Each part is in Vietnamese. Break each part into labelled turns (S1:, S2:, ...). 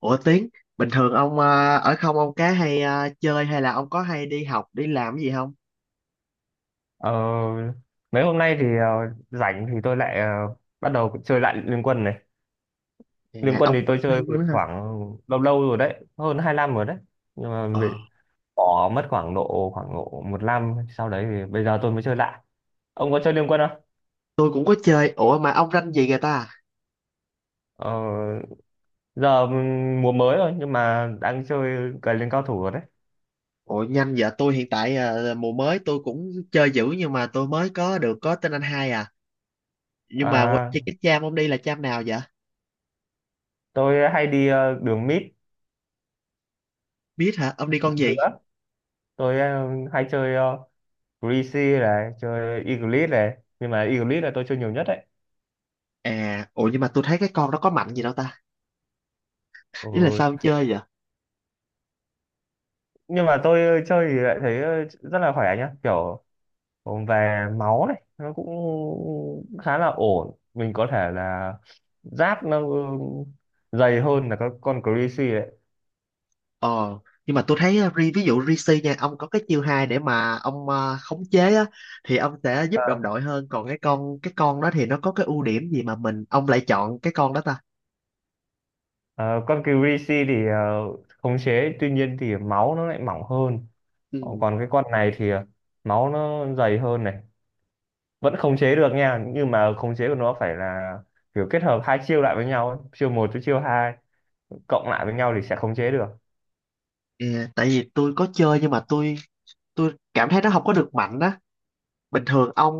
S1: Ủa Tiến, bình thường ông ở không ông cá hay chơi hay là ông có hay đi học, đi làm cái gì không?
S2: Ờ, Mấy hôm nay thì rảnh thì tôi lại bắt đầu chơi lại Liên Quân này. Liên
S1: À,
S2: Quân
S1: ông
S2: thì
S1: có
S2: tôi chơi
S1: liên
S2: từ
S1: quan đó hả?
S2: khoảng lâu lâu rồi đấy, hơn 2 năm rồi đấy. Nhưng mà
S1: Ờ,
S2: vì bỏ mất khoảng độ một năm sau đấy thì bây giờ tôi mới chơi lại. Ông có chơi Liên Quân không?
S1: tôi cũng có chơi. Ủa mà ông ranh gì người ta?
S2: Ờ, Giờ mùa mới rồi nhưng mà đang chơi cày lên cao thủ rồi đấy.
S1: Ủa nhanh vậy, tôi hiện tại mùa mới tôi cũng chơi dữ nhưng mà tôi mới có được có tên anh hai à. Nhưng mà
S2: À,
S1: chơi cái cham ông đi là cham nào vậy?
S2: tôi hay đi đường mid
S1: Biết hả? Ông đi con gì?
S2: nữa. Tôi hay chơi Greasy này, chơi Eagleet này. Nhưng mà Eagleet là tôi chơi nhiều nhất đấy.
S1: À, ủa nhưng mà tôi thấy cái con đó có mạnh gì đâu ta?
S2: Ừ.
S1: Ý là sao ông chơi vậy?
S2: Nhưng mà tôi chơi thì lại thấy rất là khỏe nhá, kiểu về máu này nó cũng khá là ổn, mình có thể là giáp nó dày hơn là các con Greasy đấy.
S1: Ờ, nhưng mà tôi thấy ví dụ Rishi nha, ông có cái chiêu hai để mà ông khống chế á thì ông sẽ giúp
S2: Ờ,
S1: đồng đội hơn, còn cái con đó thì nó có cái ưu điểm gì mà mình ông lại chọn cái con đó ta?
S2: ờ, con Greasy thì khống chế, tuy nhiên thì máu nó lại mỏng hơn. Ờ,
S1: Ừ.
S2: còn cái con này thì máu nó dày hơn này, vẫn khống chế được nha, nhưng mà khống chế của nó phải là kiểu kết hợp hai chiêu lại với nhau ấy. Chiêu một với chiêu hai cộng lại với nhau thì sẽ khống chế được.
S1: Ờ, tại vì tôi có chơi nhưng mà tôi cảm thấy nó không có được mạnh á. Bình thường ông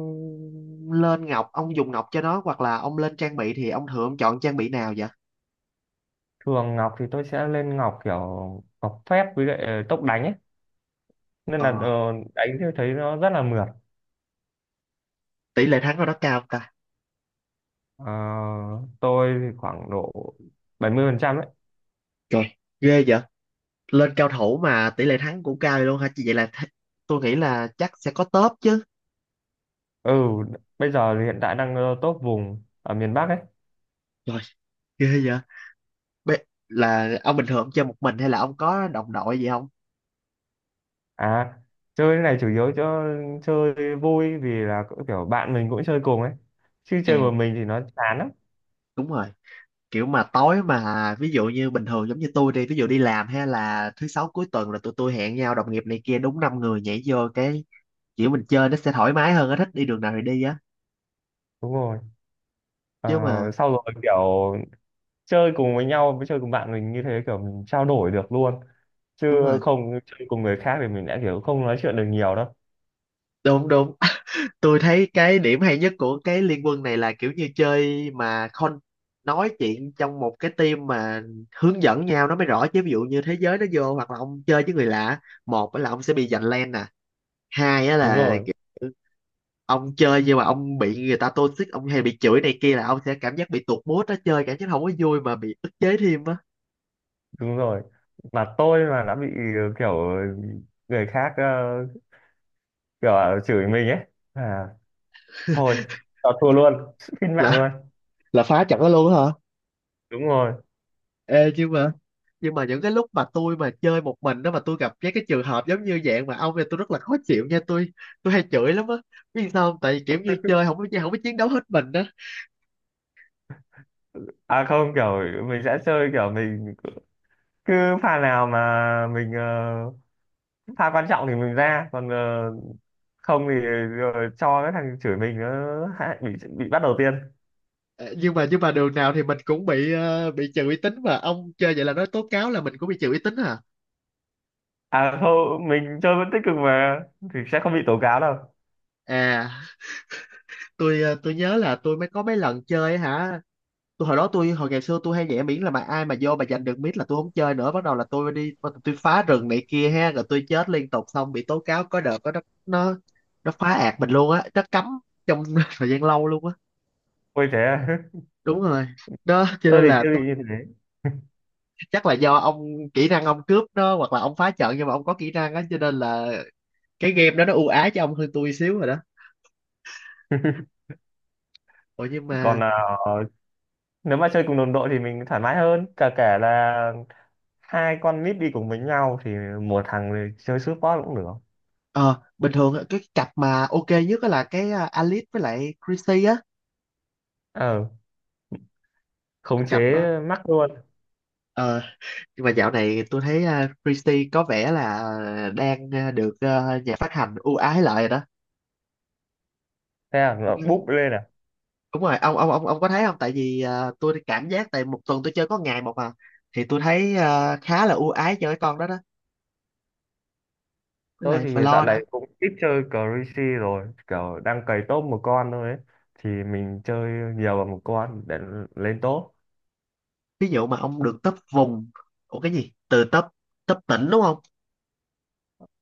S1: lên ngọc, ông dùng ngọc cho nó hoặc là ông lên trang bị thì ông thường ông chọn trang bị nào vậy?
S2: Thường ngọc thì tôi sẽ lên ngọc kiểu ngọc phép với lại tốc đánh ấy, nên là
S1: Ờ,
S2: đánh thì thấy nó rất là mượt.
S1: tỷ lệ thắng của nó cao ta.
S2: Ờ, tôi thì khoảng độ 70% phần trăm ấy.
S1: Trời, ghê vậy. Lên cao thủ mà tỷ lệ thắng cũng cao vậy luôn hả chị, vậy là tôi nghĩ là chắc sẽ có top chứ.
S2: Ừ, bây giờ thì hiện tại đang top vùng ở miền Bắc ấy.
S1: Rồi. Ghê vậy. Bê, là ông bình thường ông chơi một mình hay là ông có đồng đội gì không?
S2: À, chơi cái này chủ yếu cho chơi vui, vì là cũng kiểu bạn mình cũng chơi cùng ấy, chứ chơi
S1: À,
S2: một mình thì nó chán lắm.
S1: đúng rồi, kiểu mà tối mà ví dụ như bình thường giống như tôi đi ví dụ đi làm hay là thứ sáu cuối tuần là tụi tôi hẹn nhau đồng nghiệp này kia đúng năm người nhảy vô, cái kiểu mình chơi nó sẽ thoải mái hơn á, thích đi đường nào thì đi á,
S2: Đúng rồi. Ờ,
S1: chứ mà
S2: sau rồi kiểu chơi cùng với nhau, với chơi cùng bạn mình như thế kiểu mình trao đổi được luôn, chứ
S1: đúng rồi,
S2: không chơi cùng người khác thì mình đã kiểu không nói chuyện được nhiều đâu.
S1: đúng đúng. Tôi thấy cái điểm hay nhất của cái liên quân này là kiểu như chơi mà con nói chuyện trong một cái team mà hướng dẫn nhau nó mới rõ, chứ ví dụ như thế giới nó vô hoặc là ông chơi với người lạ, một á là ông sẽ bị giành lane nè, hai á
S2: Đúng
S1: là
S2: rồi.
S1: kiểu ông chơi nhưng mà ông bị người ta toxic, ông hay bị chửi này kia là ông sẽ cảm giác bị tụt mood á, chơi cảm giác không có vui mà bị ức chế thêm á.
S2: Đúng rồi, mà tôi mà đã bị kiểu người khác kiểu là chửi mình ấy, à thôi, tao thua luôn, xin mạng
S1: là
S2: luôn.
S1: là phá trận đó luôn á hả?
S2: Đúng rồi.
S1: Ê, nhưng mà những cái lúc mà tôi mà chơi một mình đó mà tôi gặp cái trường hợp giống như dạng mà ông thì tôi rất là khó chịu nha, tôi hay chửi lắm á, biết sao không? Tại vì kiểu như chơi không có chiến đấu hết mình đó.
S2: À không, kiểu mình sẽ chơi kiểu mình cứ pha nào mà mình pha quan trọng thì mình ra, còn không thì rồi cho cái thằng chửi mình nó hại- bị bị bắt đầu tiên.
S1: Ờ, nhưng mà đường nào thì mình cũng bị bị trừ uy tín, mà ông chơi vậy là nói tố cáo là mình cũng bị trừ uy tín hả?
S2: À không, mình chơi vẫn tích cực mà thì sẽ không bị tố cáo đâu.
S1: À, tôi tôi nhớ là tôi mới có mấy lần chơi hả, tôi hồi đó tôi hồi ngày xưa tôi hay nhảy, miễn là mà ai mà vô mà giành được miết là tôi không chơi nữa, bắt đầu là tôi đi, tôi phá rừng này kia ha, rồi tôi chết liên tục xong bị tố cáo, có đợt có nó nó phá ạt mình luôn á, nó cấm trong thời gian lâu luôn á.
S2: Ôi thế à?
S1: Đúng rồi, đó cho
S2: Tôi
S1: nên
S2: thì
S1: là
S2: chưa
S1: tôi
S2: bị như thế.
S1: chắc là do ông kỹ năng ông cướp đó, hoặc là ông phá trận nhưng mà ông có kỹ năng á, cho nên là cái game đó nó ưu ái cho ông hơn tôi xíu rồi đó. Ủa nhưng
S2: Còn
S1: mà
S2: à, nếu mà chơi cùng đồng đội thì mình thoải mái hơn. Cả kể là hai con nít đi cùng với nhau thì một thằng thì chơi support cũng được.
S1: ờ, bình thường á, cái cặp mà ok nhất á là cái Alice với lại Chrissy á,
S2: Ờ, khống
S1: cặp
S2: chế
S1: đó.
S2: mắc luôn.
S1: Ờ, nhưng mà dạo này tôi thấy Christie có vẻ là đang được nhà phát hành ưu ái lại rồi đó.
S2: Thế là
S1: Ừ,
S2: nó búp lên à.
S1: đúng rồi, ông có thấy không, tại vì tôi cảm giác tại một tuần tôi chơi có ngày một mà thì tôi thấy khá là ưu ái cho cái con đó đó, với
S2: Tôi
S1: lại
S2: thì dạo
S1: floor đó.
S2: này cũng ít chơi Crazy rồi. Kiểu đang cày top một con thôi ấy. Thì mình chơi nhiều vào một con để lên top.
S1: Ví dụ mà ông được top vùng, ủa cái gì từ top top tỉnh đúng không,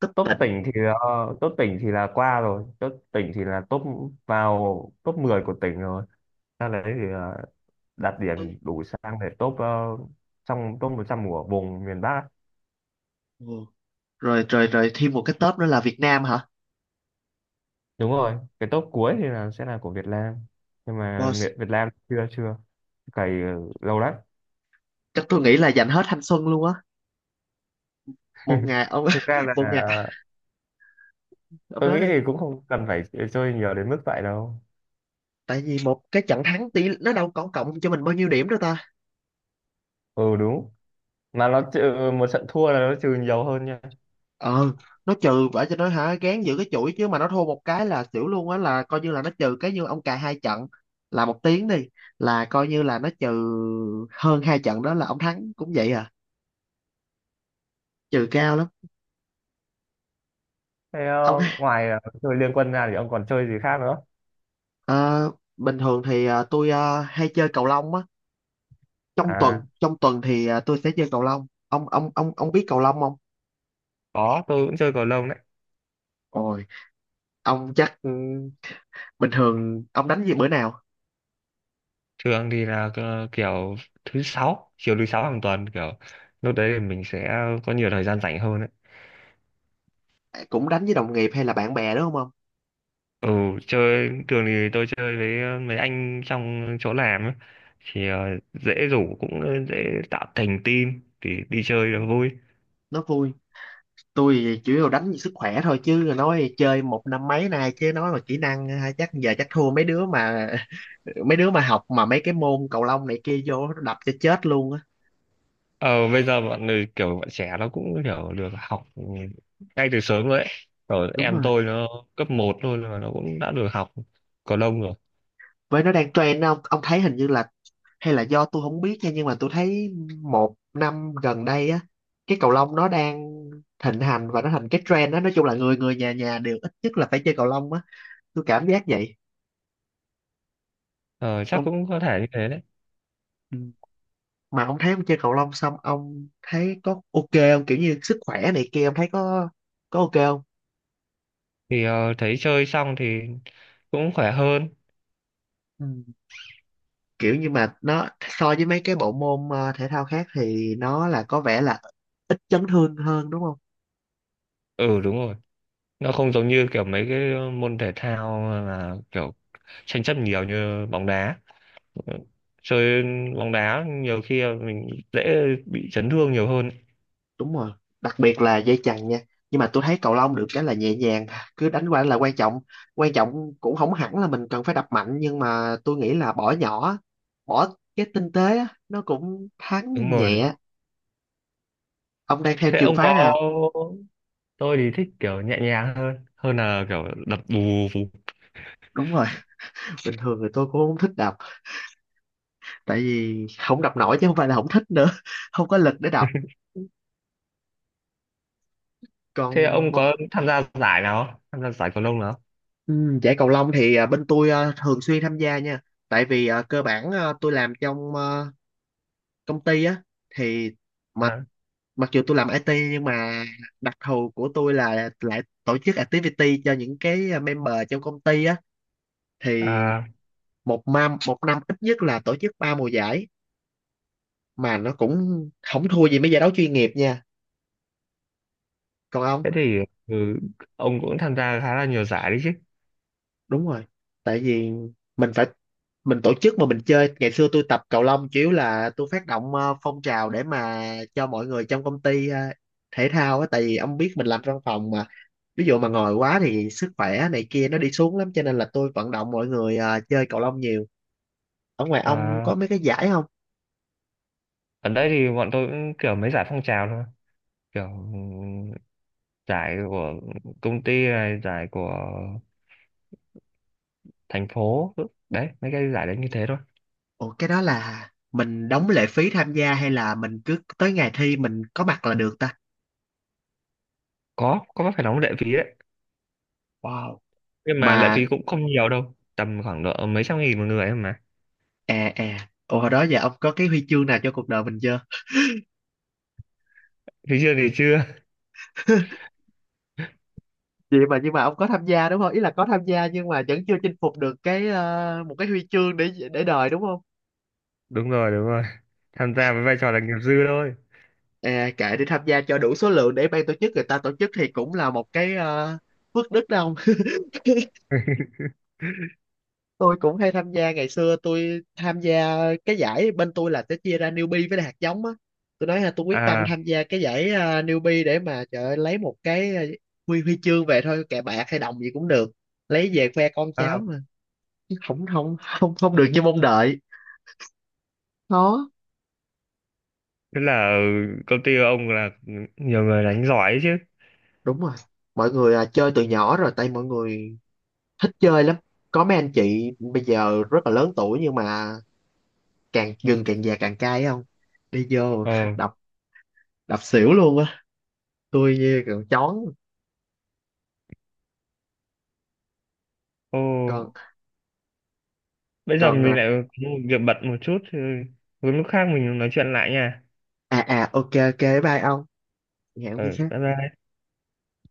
S1: top
S2: Top
S1: tỉnh.
S2: tỉnh thì top tỉnh thì là qua rồi, top tỉnh thì là top vào top 10 của tỉnh rồi, ra đấy thì đạt điểm đủ sang để top trong top 100 của vùng miền Bắc.
S1: Ừ. Rồi rồi rồi, thêm một cái top nữa là Việt Nam hả?
S2: Đúng rồi, cái top cuối thì là sẽ là của Việt Nam, nhưng mà
S1: Boss,
S2: Việt Việt Nam chưa chưa cày lâu lắm.
S1: chắc tôi nghĩ là dành hết thanh xuân luôn á. Một ngày ông,
S2: Thực ra là
S1: một ngày. Ông
S2: tôi
S1: nói
S2: nghĩ
S1: đi.
S2: thì cũng không cần phải chơi nhiều đến mức vậy đâu.
S1: Tại vì một cái trận thắng tỷ nó đâu có cộng cho mình bao nhiêu điểm đâu ta.
S2: Ừ đúng, mà nó trừ một trận thua là nó trừ nhiều hơn nha.
S1: Ờ, nó trừ vậy cho nó hả, gán giữ cái chuỗi chứ mà nó thua một cái là xỉu luôn á, là coi như là nó trừ cái như ông cài hai trận là một tiếng đi, là coi như là nó trừ hơn hai trận đó, là ông thắng cũng vậy à, trừ cao lắm.
S2: Thế
S1: Ông
S2: ngoài chơi liên quân ra thì ông còn chơi gì khác nữa?
S1: ờ, bình thường thì tôi hay chơi cầu lông á, trong tuần
S2: À,
S1: trong tuần thì tôi sẽ chơi cầu lông, ông biết cầu lông không?
S2: có, tôi cũng chơi cầu lông đấy.
S1: Ôi, ông chắc bình thường ông đánh gì bữa nào,
S2: Thường thì là kiểu thứ sáu, chiều thứ sáu hàng tuần, kiểu lúc đấy thì mình sẽ có nhiều thời gian rảnh hơn đấy.
S1: cũng đánh với đồng nghiệp hay là bạn bè đúng không ông?
S2: Ừ, chơi thường thì tôi chơi với mấy anh trong chỗ làm ấy. Thì dễ rủ, cũng dễ tạo thành team thì đi chơi là vui.
S1: Nó vui. Tôi thì chủ yếu đánh vì sức khỏe thôi, chứ nói chơi một năm mấy nay chứ nói mà kỹ năng ha, chắc giờ chắc thua mấy đứa mà mấy đứa mà học mà mấy cái môn cầu lông này kia vô nó đập cho chết luôn á.
S2: Ờ bây giờ bọn người kiểu bọn trẻ nó cũng kiểu được học ngay từ sớm rồi đấy. Rồi
S1: Đúng
S2: em
S1: rồi,
S2: tôi nó cấp một thôi mà nó cũng đã được học cầu lông rồi.
S1: với nó đang trend đó, ông thấy hình như là hay là do tôi không biết nha, nhưng mà tôi thấy một năm gần đây á, cái cầu lông nó đang thịnh hành và nó thành cái trend đó, nói chung là người người nhà nhà đều ít nhất là phải chơi cầu lông á, tôi cảm giác vậy.
S2: Ờ chắc
S1: Ông,
S2: cũng có thể như thế đấy.
S1: ừ. Mà ông thấy ông chơi cầu lông xong ông thấy có ok không, kiểu như sức khỏe này kia ông thấy có ok không?
S2: Thì thấy chơi xong thì cũng khỏe hơn.
S1: Ừ. Kiểu như mà nó so với mấy cái bộ môn thể thao khác thì nó là có vẻ là ít chấn thương hơn đúng không?
S2: Ừ đúng rồi, nó không giống như kiểu mấy cái môn thể thao là kiểu tranh chấp nhiều như bóng đá. Ừ. Chơi bóng đá nhiều khi là mình dễ bị chấn thương nhiều hơn.
S1: Đúng rồi, đặc biệt là dây chằng nha, nhưng mà tôi thấy cầu lông được cái là nhẹ nhàng, cứ đánh qua là quan trọng, quan trọng cũng không hẳn là mình cần phải đập mạnh, nhưng mà tôi nghĩ là bỏ nhỏ, bỏ cái tinh tế á, nó cũng
S2: Đúng
S1: thắng
S2: rồi.
S1: nhẹ. Ông đang theo
S2: Thế
S1: trường
S2: ông có,
S1: phái nào?
S2: tôi thì thích kiểu nhẹ nhàng hơn, hơn là kiểu đập bù bù.
S1: Đúng rồi, bình thường thì tôi cũng không thích đọc, tại vì không đọc nổi chứ không phải là không thích nữa, không có lực để đọc.
S2: Thế
S1: Còn
S2: ông có tham gia giải nào không, tham gia giải cầu lông nào không?
S1: ừ, giải cầu lông thì bên tôi thường xuyên tham gia nha, tại vì cơ bản tôi làm trong công ty á thì mặc
S2: À,
S1: mặc dù tôi làm IT nhưng mà đặc thù của tôi là lại tổ chức activity cho những cái member trong công ty á, thì
S2: à
S1: một năm ít nhất là tổ chức 3 mùa giải, mà nó cũng không thua gì mấy giải đấu chuyên nghiệp nha. Còn ông,
S2: thế thì ừ, ông cũng tham gia khá là nhiều giải đấy chứ.
S1: đúng rồi, tại vì mình phải mình tổ chức mà mình chơi, ngày xưa tôi tập cầu lông chủ yếu là tôi phát động phong trào để mà cho mọi người trong công ty thể thao á, tại vì ông biết mình làm văn phòng mà, ví dụ mà ngồi quá thì sức khỏe này kia nó đi xuống lắm cho nên là tôi vận động mọi người chơi cầu lông nhiều. Ở ngoài ông
S2: À,
S1: có mấy cái giải không?
S2: ở đây thì bọn tôi cũng kiểu mấy giải phong trào thôi, kiểu ừm, giải của công ty này, giải của thành phố đấy, mấy cái giải đấy như thế thôi.
S1: Ủa cái đó là mình đóng lệ phí tham gia hay là mình cứ tới ngày thi mình có mặt là được ta?
S2: Có phải đóng lệ phí đấy,
S1: Wow,
S2: nhưng mà lệ
S1: mà
S2: phí cũng không nhiều đâu, tầm khoảng độ mấy trăm nghìn một người thôi mà.
S1: à à ủa hồi đó giờ ông có cái huy chương nào cho cuộc đời mình chưa?
S2: Thì chưa, thì chưa.
S1: Vậy mà, nhưng mà ông có tham gia đúng không, ý là có tham gia nhưng mà vẫn chưa chinh phục được cái một cái huy chương để đời đúng không?
S2: Đúng rồi, đúng rồi, tham gia với vai trò là nghiệp dư thôi.
S1: À, kệ đi, tham gia cho đủ số lượng để ban tổ chức người ta tổ chức thì cũng là một cái phước đức đâu. Tôi cũng hay tham gia, ngày xưa tôi tham gia cái giải bên tôi là sẽ chia ra newbie với lại hạt giống á, tôi nói là tôi quyết tâm
S2: À,
S1: tham gia cái giải newbie để mà trời ơi, lấy một cái ờ, huy huy chương về thôi, kệ bạc hay đồng gì cũng được, lấy về khoe con cháu
S2: à
S1: mà. Chứ không, không không không được như mong đợi, khó.
S2: tức là công ty của ông là nhiều người đánh giỏi ấy chứ.
S1: Đúng rồi, mọi người chơi từ nhỏ rồi, tại mọi người thích chơi lắm, có mấy anh chị bây giờ rất là lớn tuổi nhưng mà càng gừng càng già càng cay không, đi vô
S2: Ờ.
S1: đập, đập xỉu luôn á. Tôi như còn chón,
S2: Ô
S1: còn
S2: bây giờ mình
S1: còn
S2: lại có một việc bận một chút, lúc khác mình nói chuyện lại nha.
S1: à à, ok ok, bye ông, hẹn
S2: Ừ
S1: khi khác.
S2: bye bye.